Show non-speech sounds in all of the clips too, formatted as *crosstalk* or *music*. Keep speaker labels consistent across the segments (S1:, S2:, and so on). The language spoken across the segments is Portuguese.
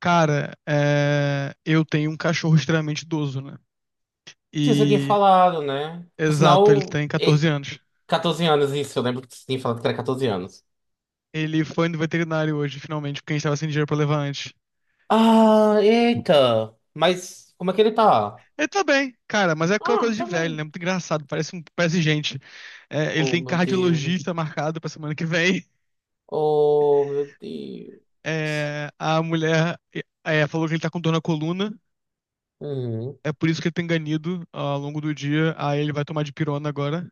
S1: Cara, eu tenho um cachorro extremamente idoso, né?
S2: Sim, você tinha
S1: E,
S2: falado, né? Por
S1: exato, ele
S2: sinal,
S1: tem 14 anos.
S2: 14 anos, isso, eu lembro que você tinha falado que era 14 anos.
S1: Ele foi no veterinário hoje, finalmente, porque a gente tava sem dinheiro pra levar antes.
S2: Ah, eita! Mas como é que ele tá?
S1: Ele tá bem, cara, mas é aquela coisa
S2: Ah,
S1: de
S2: tá
S1: velho, né?
S2: bem.
S1: Muito engraçado, parece, parece gente. É, ele
S2: Oh,
S1: tem
S2: meu Deus.
S1: cardiologista marcado pra semana que vem.
S2: Oh, meu Deus.
S1: É, a mulher falou que ele tá com dor na coluna,
S2: Uhum.
S1: é por isso que ele tem ganido ao longo do dia. Aí ele vai tomar dipirona agora.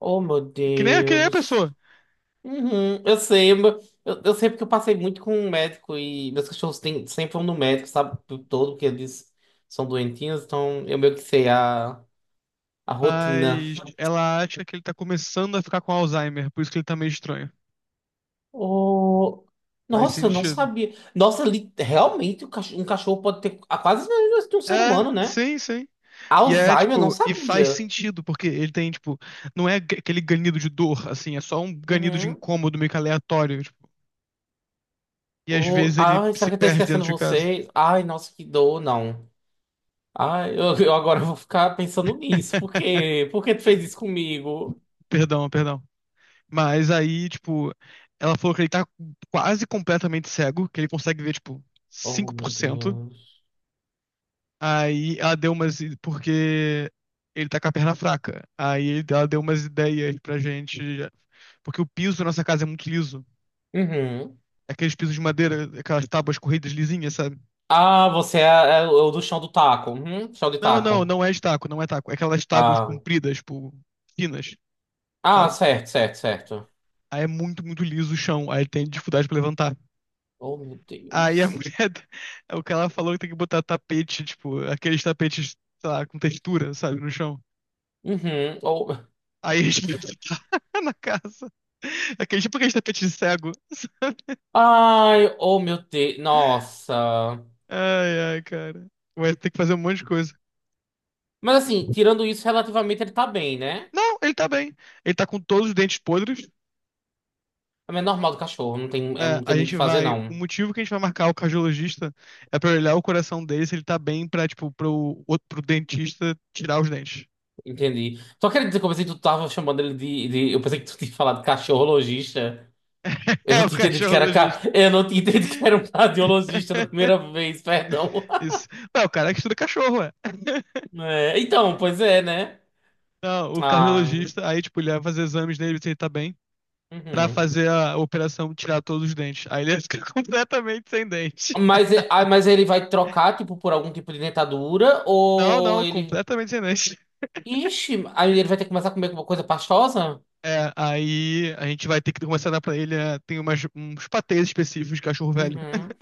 S2: Oh, meu
S1: Que nem a
S2: Deus.
S1: pessoa.
S2: Uhum. Eu sei porque eu passei muito com um médico e meus cachorros têm, sempre vão no médico, sabe? O tempo todo, porque eles são doentinhos, então eu meio que sei a rotina.
S1: Mas ela acha que ele tá começando a ficar com Alzheimer, por isso que ele tá meio estranho.
S2: Oh,
S1: Faz
S2: nossa, eu não
S1: sentido.
S2: sabia. Nossa, realmente um cachorro pode ter a quase as mesmas doenças que um ser
S1: É,
S2: humano, né?
S1: sim, sim. E é
S2: Alzheimer, eu não
S1: tipo, e faz
S2: sabia.
S1: sentido, porque ele tem, tipo, não é aquele ganido de dor, assim, é só um ganido de
S2: Uhum.
S1: incômodo meio que aleatório, tipo. E às
S2: Oh,
S1: vezes ele
S2: ai, será
S1: se
S2: que eu tô
S1: perde dentro
S2: esquecendo
S1: de casa.
S2: vocês? Ai, nossa, que dor, não. Ai, eu agora vou ficar pensando nisso. Por quê? Por que tu fez isso comigo?
S1: Perdão, perdão. Mas aí, tipo, ela falou que ele tá quase completamente cego, que ele consegue ver, tipo,
S2: Oh,
S1: cinco
S2: meu
S1: por cento
S2: Deus.
S1: Aí ela deu umas. Porque ele tá com a perna fraca. Aí ela deu umas ideias pra gente. Porque o piso da nossa casa é muito liso.
S2: Uhum.
S1: Aqueles pisos de madeira, aquelas tábuas corridas lisinhas, sabe?
S2: Ah, você é o do chão do taco. Uhum, chão de
S1: Não, não,
S2: taco.
S1: não é estaco, não é taco. É aquelas tábuas
S2: Ah,
S1: compridas, tipo, finas,
S2: ah,
S1: sabe?
S2: certo, certo, certo.
S1: Aí é muito, muito liso o chão. Aí tem dificuldade pra levantar.
S2: Oh, meu
S1: Aí a
S2: Deus.
S1: mulher. *laughs* O que ela falou que tem que botar tapete, tipo, aqueles tapetes, sei lá, com textura, sabe, no chão.
S2: Uhum. Oh.
S1: Aí a gente vai botar *laughs* na casa. Aquele tipo aquele tapete de cego.
S2: Ai, oh meu Deus. Nossa.
S1: Ai, ai, cara. Vai ter que fazer um monte de coisa.
S2: Mas assim, tirando isso, relativamente ele tá bem, né?
S1: Não, ele tá bem. Ele tá com todos os dentes podres.
S2: Mas é normal do cachorro, não tem,
S1: É,
S2: não tem
S1: a
S2: muito o
S1: gente
S2: que fazer,
S1: vai. O
S2: não.
S1: motivo que a gente vai marcar o cardiologista é pra olhar o coração dele se ele tá bem pra, tipo, pro dentista tirar os dentes. *laughs*
S2: Entendi. Só queria dizer que eu pensei que tu tava chamando ele Eu pensei que tu tinha falado cachorro logista. Eu não
S1: É o
S2: tinha entendido que era.
S1: cardiologista.
S2: Eu não tinha entendido que era um cardiologista da
S1: *laughs*
S2: primeira vez, perdão.
S1: Isso. Não, o cara é que estuda cachorro, é.
S2: É, então, pois é, né?
S1: Não, o
S2: Ah,
S1: cardiologista, aí, tipo, ele vai fazer exames nele, se ele tá bem pra
S2: uhum.
S1: fazer a operação tirar todos os dentes. Aí ele fica *laughs* completamente sem dente.
S2: Mas, mas ele vai trocar, tipo, por algum tipo de dentadura?
S1: Não,
S2: Ou
S1: não,
S2: ele.
S1: completamente sem dente.
S2: Ixi, aí ele vai ter que começar a comer alguma coisa pastosa?
S1: É, aí a gente vai ter que começar a dar pra ele. Tem umas, uns patês específicos de cachorro velho.
S2: Uhum.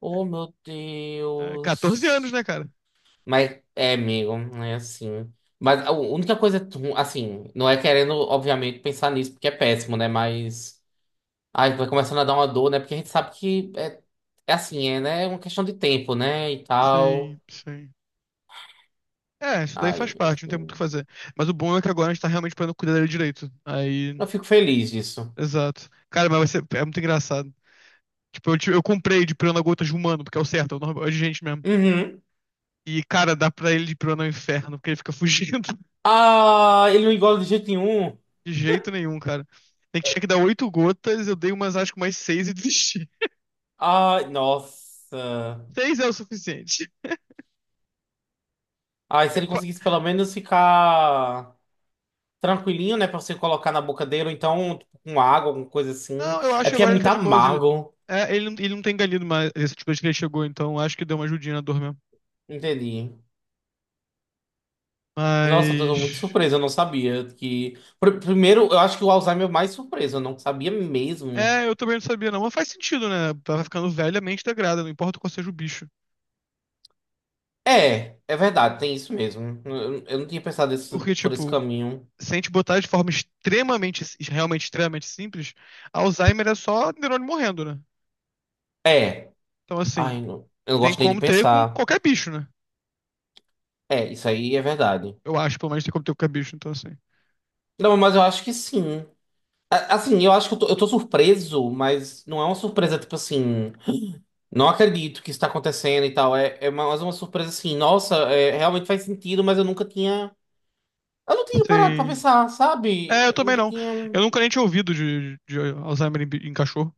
S2: Oh, meu
S1: É, 14 anos, né,
S2: Deus.
S1: cara?
S2: Mas é, amigo, é assim. Mas a única coisa, assim, não é querendo, obviamente, pensar nisso, porque é péssimo, né? Mas. Ai, vai começando a dar uma dor, né? Porque a gente sabe que é, é assim, é, né? É uma questão de tempo, né? E tal.
S1: Sim, sim. É, isso daí faz
S2: Ai,
S1: parte, não tem muito o que fazer. Mas o bom é que agora a gente tá realmente podendo cuidar dele direito. Aí,
S2: eu fico feliz disso.
S1: exato. Cara, mas vai ser, é muito engraçado. Tipo, eu comprei de piranha-gota de humano, porque é o certo, é o normal, é de gente mesmo.
S2: Uhum.
S1: E, cara, dá pra ele de piranha no inferno, porque ele fica *laughs* fugindo.
S2: Ah, ele não engole de jeito nenhum.
S1: De jeito nenhum, cara. Tem que tinha que dar 8 gotas, eu dei umas, acho que mais seis e desisti. *laughs*
S2: Ai, nossa.
S1: Seis é o suficiente.
S2: Aí se
S1: É
S2: ele
S1: qua-
S2: conseguisse pelo menos ficar tranquilinho, né, pra você colocar na boca dele, ou então tipo, com água, alguma coisa assim.
S1: Não, eu acho
S2: É
S1: que
S2: porque é
S1: agora ele
S2: muito
S1: tá de boas. Ele...
S2: amargo,
S1: É, ele não tem ganido mais esse tipo de que ele chegou, então acho que deu uma ajudinha na dor mesmo.
S2: entendi. Nossa, eu tô muito
S1: Mas.
S2: surpreso, eu não sabia que... Primeiro, eu acho que o Alzheimer é o mais surpreso, eu não sabia mesmo.
S1: É, eu também não sabia, não. Mas faz sentido, né? Vai ficando velha, a mente degrada, não importa qual seja o bicho.
S2: É, é verdade, tem isso mesmo. Eu não tinha pensado
S1: Porque,
S2: por esse
S1: tipo,
S2: caminho.
S1: se a gente botar de forma extremamente, realmente extremamente simples, Alzheimer é só neurônio morrendo, né?
S2: É,
S1: Então, assim,
S2: ai, não, eu não
S1: tem
S2: gosto nem de
S1: como ter com
S2: pensar.
S1: qualquer bicho, né?
S2: É, isso aí é verdade.
S1: Eu acho, pelo menos, tem como ter o cabicho, então assim.
S2: Não, mas eu acho que sim. Assim, eu acho que eu tô surpreso, mas não é uma surpresa, tipo assim, não acredito que isso tá acontecendo e tal. É, é mais uma surpresa assim, nossa, é, realmente faz sentido, mas eu nunca tinha. Eu não tinha parado pra
S1: Sim.
S2: pensar, sabe?
S1: É, eu
S2: Eu
S1: também
S2: nunca
S1: não. Eu
S2: tinha.
S1: nunca nem tinha ouvido de Alzheimer em cachorro.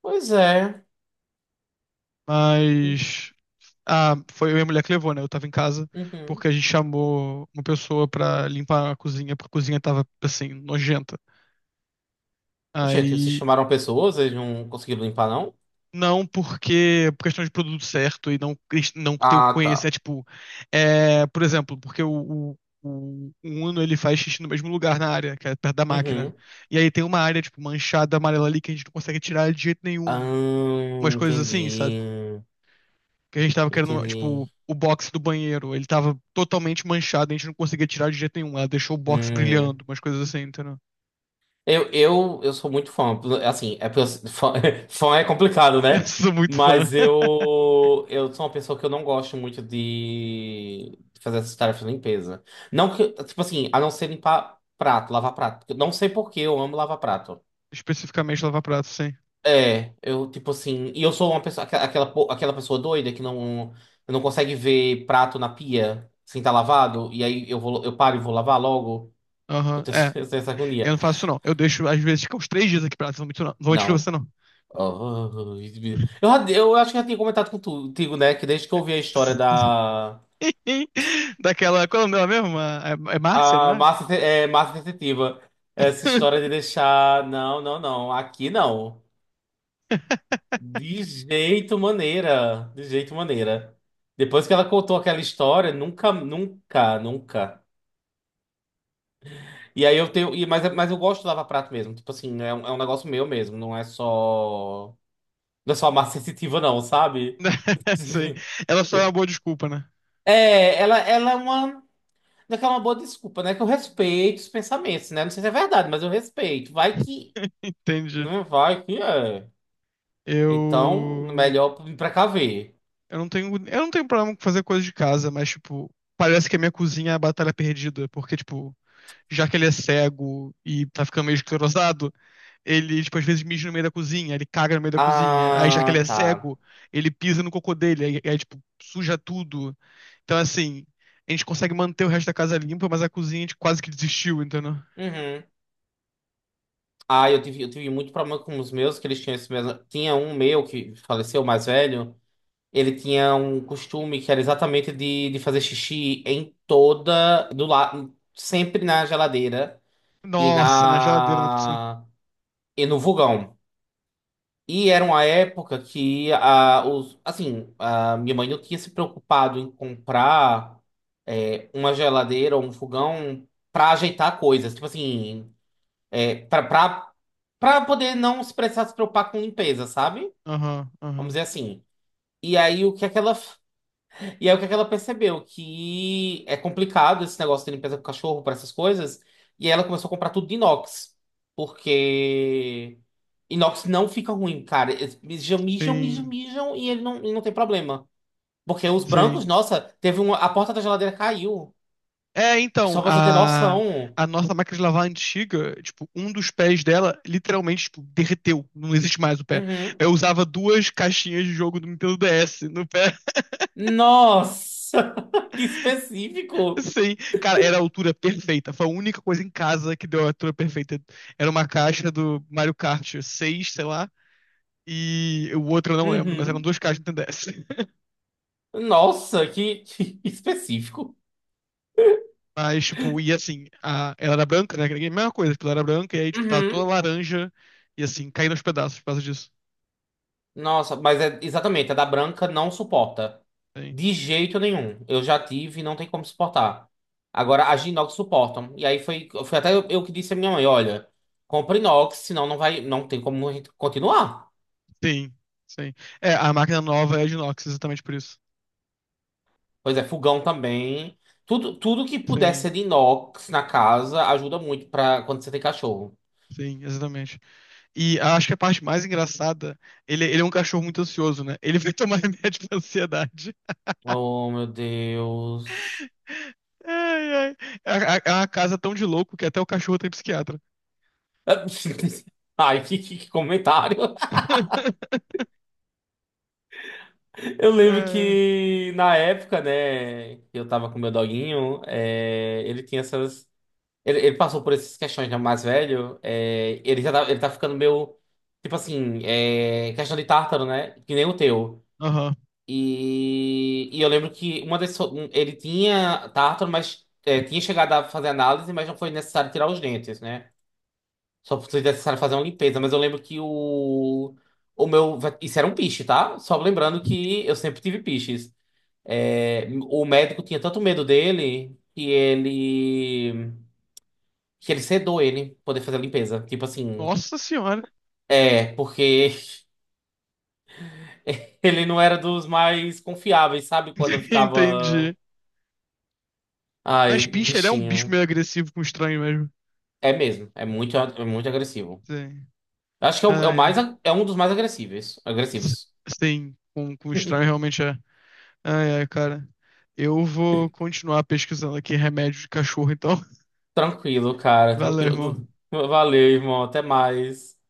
S2: Pois é.
S1: Mas. Ah, foi eu e a mulher que levou, né? Eu tava em casa,
S2: Uhum.
S1: porque a gente chamou uma pessoa pra limpar a cozinha, porque a cozinha tava, assim, nojenta.
S2: Gente, vocês
S1: Aí
S2: chamaram pessoas, eles não conseguiram limpar, não?
S1: Não, porque por questão de produto certo e não, não ter o
S2: Ah,
S1: conhecimento,
S2: tá.
S1: tipo, por exemplo, porque o Uno ele faz xixi no mesmo lugar na área, que é perto da máquina.
S2: Uhum.
S1: E aí tem uma área, tipo, manchada amarela ali que a gente não consegue tirar de jeito nenhum.
S2: Ah,
S1: Umas coisas assim, sabe?
S2: entendi.
S1: Que a gente tava querendo, tipo,
S2: Entendi.
S1: o box do banheiro, ele tava totalmente manchado, a gente não conseguia tirar de jeito nenhum. Ela deixou o box
S2: Hum.
S1: brilhando, umas coisas assim, entendeu?
S2: Eu sou muito fã. Assim, é, fã, *laughs* fã é complicado,
S1: *laughs* Eu
S2: né?
S1: sou muito fã.
S2: Mas
S1: *laughs*
S2: eu sou uma pessoa que eu não gosto muito de fazer essas tarefas de limpeza. Não que, tipo assim, a não ser limpar prato, lavar prato. Eu não sei por que eu amo lavar prato.
S1: Especificamente lavar prato, sim.
S2: É, eu, tipo assim, e eu sou uma pessoa, aquela pessoa doida que não, não consegue ver prato na pia sem estar lavado, e aí eu paro e vou lavar logo. Eu
S1: Aham.
S2: tenho,
S1: É.
S2: *laughs* eu tenho essa
S1: Eu
S2: agonia.
S1: não faço isso, não. Eu deixo, às vezes, ficar uns 3 dias aqui pra lá. Não vou mentir, não. Não vou mentir pra
S2: Não.
S1: você, não.
S2: Oh, eu acho que já tinha comentado contigo, né? Que desde que eu ouvi a história da
S1: *laughs* Daquela. Qual é o nome dela mesmo? É Márcia, não
S2: a
S1: é?
S2: massa, massa sensitiva, essa história de
S1: *laughs*
S2: deixar. Não, não, não. Aqui não. De jeito maneira. De jeito maneira. Depois que ela contou aquela história, nunca, nunca, nunca. E aí eu tenho. Mas eu gosto do Lava Prato mesmo. Tipo assim, é é um negócio meu mesmo. Não é só. Não é só a massa sensitiva, não, sabe?
S1: Sim.
S2: *laughs*
S1: Ela só é uma boa desculpa, né?
S2: É, ela é uma. Não é que é uma boa desculpa, né? Que eu respeito os pensamentos, né? Não sei se é verdade, mas eu respeito. Vai que.
S1: Entendi.
S2: Não vai que é. Então,
S1: Eu.
S2: melhor me precaver.
S1: Eu não tenho problema com fazer coisa de casa, mas, tipo, parece que a minha cozinha é a batalha perdida. Porque, tipo, já que ele é cego e tá ficando meio esclerosado, ele, tipo, às vezes mija no meio da cozinha, ele caga no meio da cozinha. Aí, já que ele
S2: Ah,
S1: é
S2: tá.
S1: cego, ele pisa no cocô dele, aí, tipo, suja tudo. Então, assim, a gente consegue manter o resto da casa limpa, mas a cozinha a gente quase que desistiu, entendeu?
S2: Uhum. Ah, eu tive muito problema com os meus, que eles tinham esse mesmo. Tinha um meu que faleceu, o mais velho. Ele tinha um costume que era exatamente de fazer xixi em toda. Do lado, sempre na geladeira e
S1: Nossa, na geladeira, né, por cima.
S2: na. E no vulgão. E era uma época que assim, a minha mãe não tinha se preocupado em comprar uma geladeira ou um fogão para ajeitar coisas, tipo assim, para para poder não se precisar se preocupar com limpeza, sabe?
S1: Aham,
S2: Vamos
S1: aham.
S2: dizer assim. E aí o que é que ela e aí o que é que ela percebeu? Que é complicado esse negócio de limpeza com cachorro para essas coisas. E aí ela começou a comprar tudo de inox. Porque inox não fica ruim, cara. Eles mijam, mijam, mijam,
S1: Sim,
S2: mijam e ele não, e não tem problema. Porque os
S1: sim.
S2: brancos, nossa, teve uma. A porta da geladeira caiu.
S1: É,
S2: Só
S1: então,
S2: pra você ter
S1: a,
S2: noção.
S1: a nossa máquina de lavar antiga, tipo, um dos pés dela literalmente, tipo, derreteu. Não existe mais o pé.
S2: Uhum.
S1: Eu usava duas caixinhas de jogo do Nintendo DS no pé.
S2: Nossa! *laughs* Que específico!
S1: Sim, cara, era a altura perfeita. Foi a única coisa em casa que deu a altura perfeita. Era uma caixa do Mario Kart 6 sei lá, e o outro eu não lembro, mas eram
S2: Uhum.
S1: duas caixas do Nintendo DS.
S2: Nossa, que específico.
S1: *laughs* Mas, tipo, e assim, a... ela era branca, né? Que era a mesma coisa, tipo, ela era branca, e aí, tipo, tava toda
S2: Uhum.
S1: laranja, e assim, caindo aos pedaços por causa disso.
S2: Nossa, mas é exatamente, a da branca não suporta.
S1: Sim,
S2: De jeito nenhum. Eu já tive e não tem como suportar. Agora, as de inox suportam. E aí foi, foi até eu que disse à minha mãe, olha, compra inox, senão não vai, não tem como a gente continuar.
S1: sim, sim. É, a máquina nova é de inox, exatamente por isso.
S2: Pois é, fogão também. Tudo, tudo que puder
S1: Sim,
S2: ser de inox na casa ajuda muito para quando você tem cachorro.
S1: sim, exatamente. E acho que a parte mais engraçada, ele é um cachorro muito ansioso, né? Ele vai tomar *laughs* remédio pra ansiedade.
S2: Oh, meu Deus.
S1: Ai, ai. É uma casa tão de louco que até o cachorro tem psiquiatra.
S2: *laughs* Ai, que que comentário.
S1: *laughs*
S2: Eu lembro
S1: É.
S2: que na época, né, que eu tava com meu doguinho, é, ele tinha essas. Ele passou por essas questões já mais velho. É, ele tá ficando meio. Tipo assim, é, questão de tártaro, né? Que nem o teu.
S1: Aham.
S2: E eu lembro que uma das. Ele tinha tártaro, mas é, tinha chegado a fazer análise, mas não foi necessário tirar os dentes, né? Só foi necessário fazer uma limpeza. Mas eu lembro que o. O meu. Isso era um piche, tá? Só lembrando que eu sempre tive piches. É, o médico tinha tanto medo dele que ele sedou ele pra poder fazer a limpeza. Tipo assim,
S1: Nossa senhora.
S2: é, porque *laughs* ele não era dos mais confiáveis, sabe? Quando eu
S1: *laughs*
S2: ficava,
S1: Entendi. Mas
S2: ai, o
S1: Pinscher ele é um bicho meio
S2: bichinho.
S1: agressivo com estranho mesmo.
S2: É mesmo, é muito agressivo.
S1: Sim.
S2: Eu acho que é é
S1: Ah,
S2: o mais
S1: é.
S2: é um dos mais
S1: S-
S2: agressivos.
S1: Sim, com estranho realmente é. Ai, ai, cara. Eu vou continuar pesquisando aqui remédio de cachorro, então. *laughs*
S2: Tranquilo, cara,
S1: Valeu, irmão.
S2: tranquilo. *laughs* Valeu, irmão, até mais.